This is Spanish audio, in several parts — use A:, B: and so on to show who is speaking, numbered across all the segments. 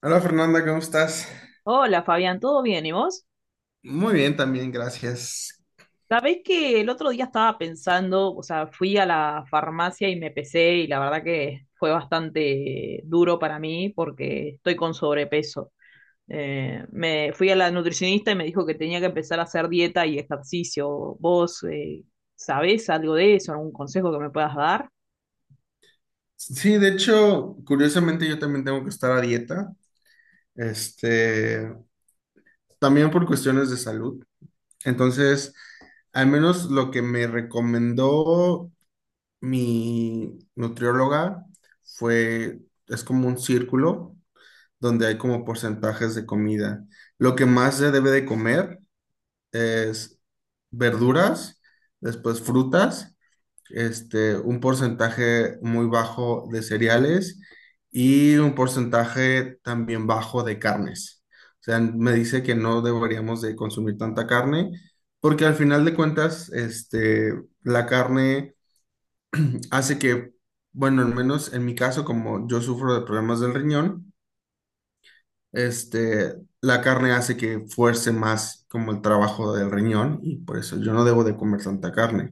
A: Hola Fernanda, ¿cómo estás?
B: Hola Fabián, ¿todo bien? ¿Y vos?
A: Muy bien también, gracias.
B: Sabés que el otro día estaba pensando, o sea, fui a la farmacia y me pesé y la verdad que fue bastante duro para mí porque estoy con sobrepeso. Me fui a la nutricionista y me dijo que tenía que empezar a hacer dieta y ejercicio. ¿Vos sabés algo de eso? ¿Algún consejo que me puedas dar?
A: Sí, de hecho, curiosamente yo también tengo que estar a dieta, este, también por cuestiones de salud. Entonces, al menos lo que me recomendó mi nutrióloga fue, es como un círculo donde hay como porcentajes de comida. Lo que más se debe de comer es verduras, después frutas. Un porcentaje muy bajo de cereales y un porcentaje también bajo de carnes. O sea, me dice que no deberíamos de consumir tanta carne porque al final de cuentas, la carne hace que, bueno, al menos en mi caso, como yo sufro de problemas del riñón, este, la carne hace que fuerce más como el trabajo del riñón y por eso yo no debo de comer tanta carne,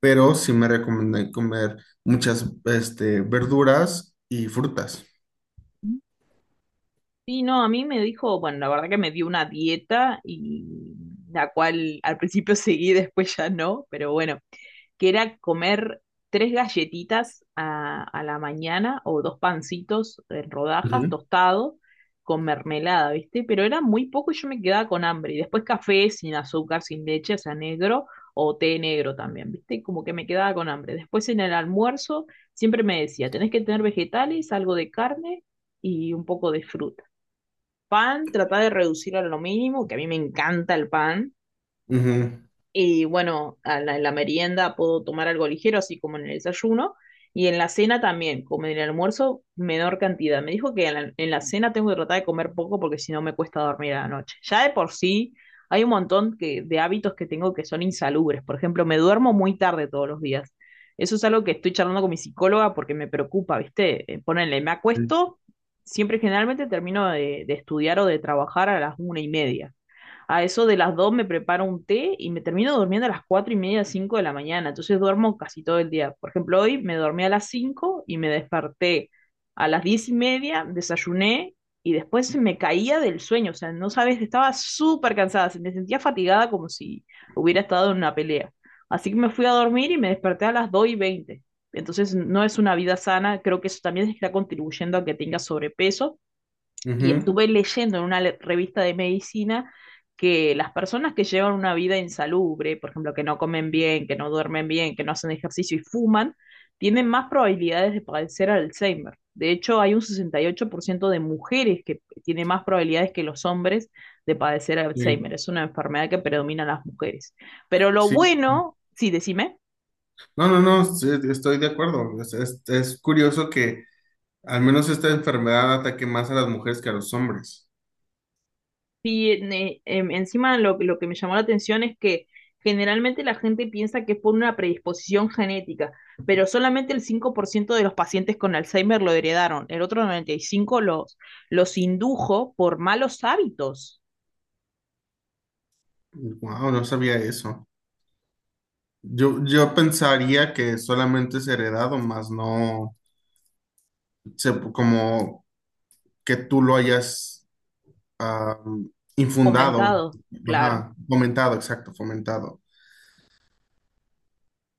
A: pero sí me recomienda comer muchas, verduras y frutas.
B: Sí, no, a mí me dijo, bueno, la verdad que me dio una dieta y la cual al principio seguí, después ya no, pero bueno. Que era comer tres galletitas a la mañana o dos pancitos en rodajas
A: Ujú.
B: tostado con mermelada, ¿viste? Pero era muy poco y yo me quedaba con hambre. Y después café sin azúcar, sin leche, o sea, negro o té negro también, ¿viste? Como que me quedaba con hambre. Después en el almuerzo siempre me decía, tenés que tener vegetales, algo de carne y un poco de fruta. Pan, tratá de reducir a lo mínimo, que a mí me encanta el pan
A: Ujú.
B: y bueno, en la merienda puedo tomar algo ligero, así como en el desayuno. Y en la cena también, como en el almuerzo, menor cantidad. Me dijo que en la cena tengo que tratar de comer poco porque si no me cuesta dormir a la noche. Ya de por sí hay un montón que, de hábitos que tengo que son insalubres. Por ejemplo, me duermo muy tarde todos los días. Eso es algo que estoy charlando con mi psicóloga porque me preocupa, ¿viste? Ponele, me
A: Sí.
B: acuesto, siempre generalmente termino de estudiar o de trabajar a las 1:30. A eso de las 2 me preparo un té y me termino durmiendo a las 4:30, 5 de la mañana. Entonces duermo casi todo el día. Por ejemplo, hoy me dormí a las 5 y me desperté a las 10:30, desayuné y después me caía del sueño. O sea, no sabes, estaba súper cansada, se me sentía fatigada como si hubiera estado en una pelea. Así que me fui a dormir y me desperté a las 2:20. Entonces no es una vida sana, creo que eso también está contribuyendo a que tengas sobrepeso y
A: Ujú.
B: estuve leyendo en una revista de medicina que las personas que llevan una vida insalubre, por ejemplo, que no comen bien, que no duermen bien, que no hacen ejercicio y fuman, tienen más probabilidades de padecer Alzheimer. De hecho, hay un 68% de mujeres que tiene más probabilidades que los hombres de padecer
A: Sí.
B: Alzheimer. Es una enfermedad que predomina en las mujeres. Pero lo
A: Sí,
B: bueno, sí, decime.
A: no, no, no, sí, estoy de acuerdo. Es curioso que al menos esta enfermedad ataque más a las mujeres que a los hombres.
B: Sí, encima lo que me llamó la atención es que generalmente la gente piensa que es por una predisposición genética, pero solamente el 5% de los pacientes con Alzheimer lo heredaron, el otro 95% los indujo por malos hábitos
A: Wow, no sabía eso. Yo pensaría que solamente es heredado, más no se- como que tú lo hayas ah, infundado,
B: fomentados, claro.
A: ajá, fomentado, exacto, fomentado.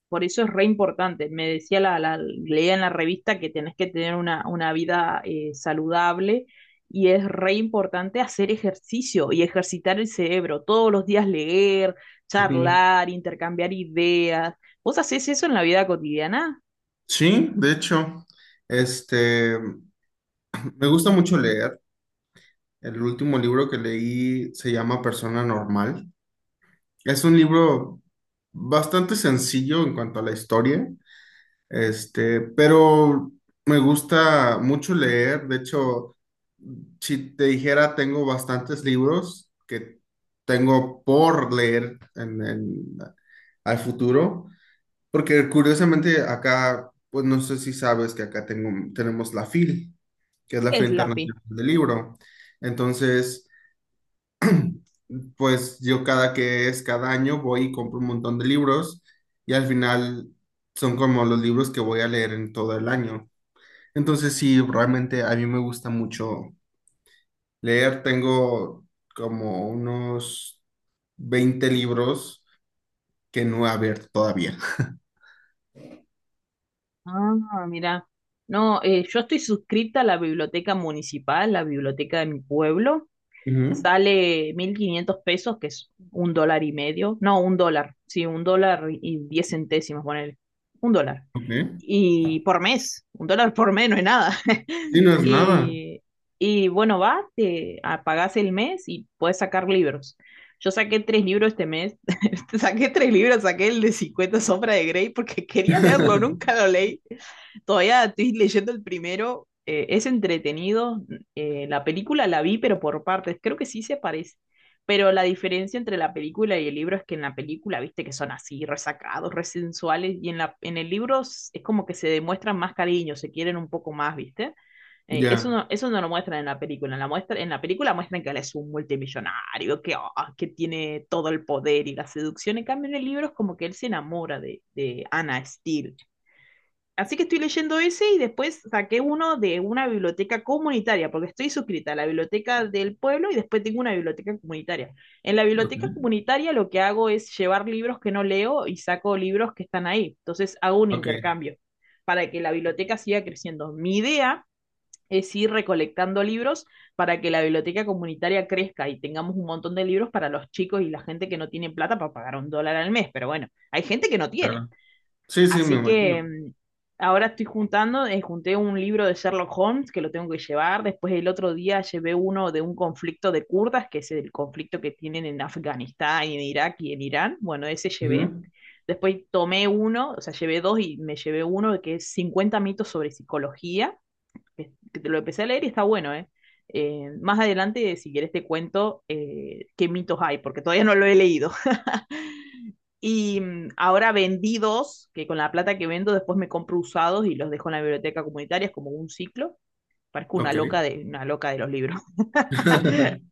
B: Por eso es re importante. Me decía leía en la revista que tenés que tener una vida saludable y es re importante hacer ejercicio y ejercitar el cerebro. Todos los días leer,
A: Ujú.
B: charlar, intercambiar ideas. ¿Vos hacés eso en la vida cotidiana?
A: Sí, de hecho, este, me gusta mucho leer. El último libro que leí se llama Persona Normal. Es un libro bastante sencillo en cuanto a la historia, pero me gusta mucho leer. De hecho, si te dijera, tengo bastantes libros que tengo por leer al futuro, porque curiosamente acá, pues no sé si sabes que acá tengo, tenemos la FIL, que es la
B: ¿Qué es
A: Feria
B: la FI?
A: Internacional del Libro. Entonces, pues yo cada que es cada año voy y compro un montón de libros y al final son como los libros que voy a leer en todo el año. Entonces sí, realmente a mí me gusta mucho leer. Tengo como unos 20 libros que no he abierto todavía.
B: Ah, mira. No, yo estoy suscrita a la biblioteca municipal, la biblioteca de mi pueblo.
A: Ujú,
B: Sale 1500 pesos, que es un dólar y medio, no, un dólar, sí, un dólar y 10 centésimos, ponele, un dólar.
A: ok.
B: Y por mes, un dólar por mes no es nada.
A: Sí, no es nada.
B: Y, y bueno, vas, te pagás el mes y puedes sacar libros. Yo saqué tres libros este mes, saqué tres libros, saqué el de 50 Sombras de Grey porque quería leerlo, nunca lo leí. Todavía estoy leyendo el primero, es entretenido, la película la vi, pero por partes. Creo que sí se parece. Pero la diferencia entre la película y el libro es que en la película, viste, que son así, resacados, resensuales, y en el libro es como que se demuestran más cariño, se quieren un poco más, viste.
A: Ya,
B: Eso no lo muestran en la película. En la muestra, en la película muestran que él es un multimillonario, que, que tiene todo el poder y la seducción. En cambio, en el libro es como que él se enamora de Anna Steele. Así que estoy leyendo ese y después saqué uno de una biblioteca comunitaria, porque estoy suscrita a la biblioteca del pueblo y después tengo una biblioteca comunitaria. En la
A: ok,
B: biblioteca comunitaria lo que hago es llevar libros que no leo y saco libros que están ahí. Entonces hago un
A: ok,
B: intercambio para que la biblioteca siga creciendo. Mi idea es ir recolectando libros para que la biblioteca comunitaria crezca y tengamos un montón de libros para los chicos y la gente que no tiene plata para pagar un dólar al mes. Pero bueno, hay gente que no tiene.
A: claro. Sí, sí, me
B: Así que
A: imagino.
B: ahora estoy juntando, junté un libro de Sherlock Holmes que lo tengo que llevar. Después el otro día llevé uno de un conflicto de kurdas, que es el conflicto que tienen en Afganistán y en Irak y en Irán. Bueno, ese llevé.
A: Ujú,
B: Después tomé uno, o sea, llevé dos y me llevé uno que es 50 mitos sobre psicología, que te lo empecé a leer y está bueno, ¿eh? Más adelante, si quieres, te cuento qué mitos hay, porque todavía no lo he leído. Y ahora vendidos, que con la plata que vendo después me compro usados y los dejo en la biblioteca comunitaria, es como un ciclo. Parezco
A: ok.
B: una loca de los libros.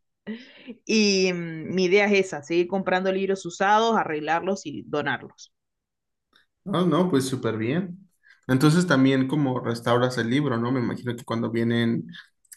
B: Y mi idea es esa, seguir comprando libros usados, arreglarlos y donarlos.
A: No, no, pues súper bien. Entonces también como restauras el libro, ¿no? Me imagino que cuando vienen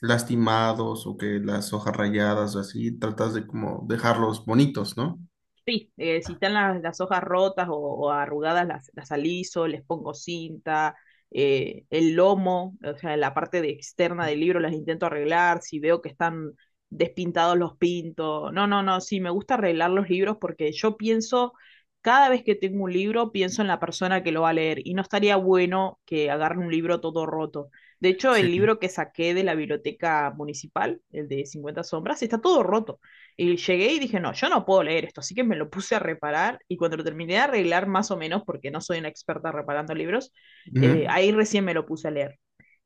A: lastimados o que las hojas rayadas o así, tratas de como dejarlos bonitos, ¿no?
B: Sí, si están las hojas rotas o arrugadas, las aliso, les pongo cinta, el lomo, o sea, la parte de externa del libro las intento arreglar, si veo que están despintados los pinto. No, no, no, sí, me gusta arreglar los libros porque yo pienso, cada vez que tengo un libro, pienso en la persona que lo va a leer y no estaría bueno que agarre un libro todo roto. De hecho,
A: Sí.
B: el libro que saqué de la biblioteca municipal, el de cincuenta sombras, está todo roto. Y llegué y dije, no, yo no puedo leer esto, así que me lo puse a reparar y cuando lo terminé de arreglar más o menos, porque no soy una experta reparando libros,
A: Ujú,
B: ahí recién me lo puse a leer.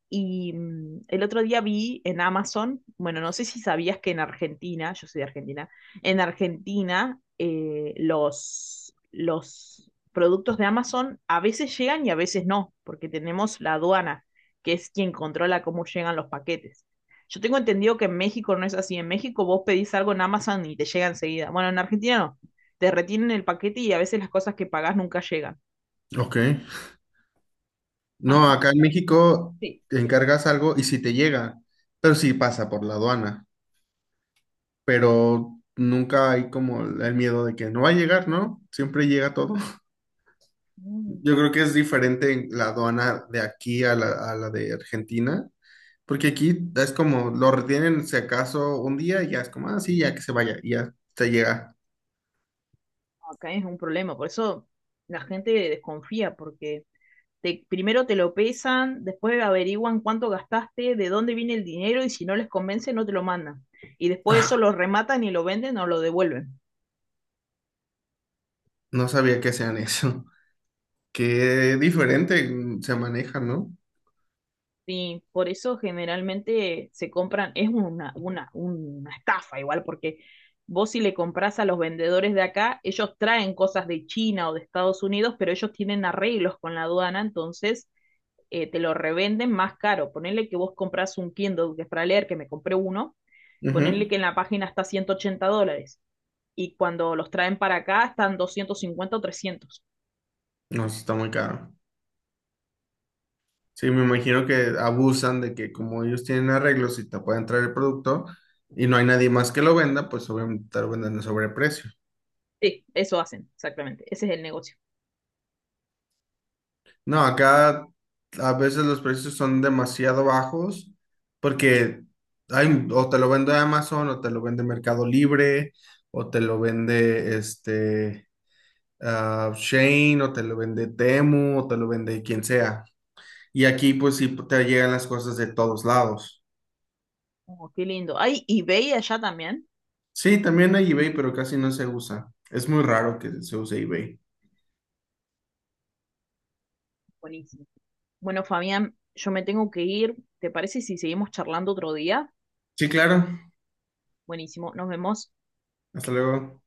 B: Y el otro día vi en Amazon, bueno, no sé si sabías que en Argentina, yo soy de Argentina, en Argentina los productos de Amazon a veces llegan y a veces no, porque tenemos la aduana, que es quien controla cómo llegan los paquetes. Yo tengo entendido que en México no es así. En México vos pedís algo en Amazon y te llega enseguida. Bueno, en Argentina no. Te retienen el paquete y a veces las cosas que pagás nunca llegan.
A: ok. No,
B: Así
A: acá en
B: que
A: México
B: sí.
A: te encargas algo y si te llega, pero sí pasa por la aduana, pero nunca hay como el miedo de que no va a llegar, ¿no? Siempre llega todo. Yo creo que es diferente en la aduana de aquí a la de Argentina. Porque aquí es como, lo retienen si acaso un día y ya es como, ah, sí, ya que se vaya, y ya se llega.
B: Acá es un problema, por eso la gente desconfía, porque te, primero te lo pesan, después averiguan cuánto gastaste, de dónde viene el dinero y si no les convence no te lo mandan. Y después eso
A: Ah,
B: lo rematan y lo venden o lo devuelven.
A: no sabía que sean eso. Qué diferente se maneja, ¿no?
B: Sí, por eso generalmente se compran, es una estafa igual, porque vos si le compras a los vendedores de acá, ellos traen cosas de China o de Estados Unidos, pero ellos tienen arreglos con la aduana, entonces te lo revenden más caro. Ponerle que vos compras un Kindle que es para leer, que me compré uno, ponerle
A: Ujú.
B: que en la página está 180 dólares y cuando los traen para acá están 250 o 300.
A: No, sí está muy caro. Sí, me imagino que abusan de que como ellos tienen arreglos y te pueden traer el producto y no hay nadie más que lo venda, pues obviamente te lo venden a sobreprecio.
B: Sí, eso hacen, exactamente. Ese es el negocio.
A: No, acá a veces los precios son demasiado bajos porque hay, o te lo vende Amazon o te lo vende Mercado Libre o te lo vende Shein o te lo vende Temu o te lo vende quien sea. Y aquí pues sí te llegan las cosas de todos lados.
B: Oh, qué lindo. Hay eBay allá también.
A: Sí, también hay eBay, pero casi no se usa. Es muy raro que se use eBay.
B: Buenísimo. Bueno, Fabián, yo me tengo que ir. ¿Te parece si seguimos charlando otro día?
A: Sí, claro.
B: Buenísimo. Nos vemos.
A: Hasta luego.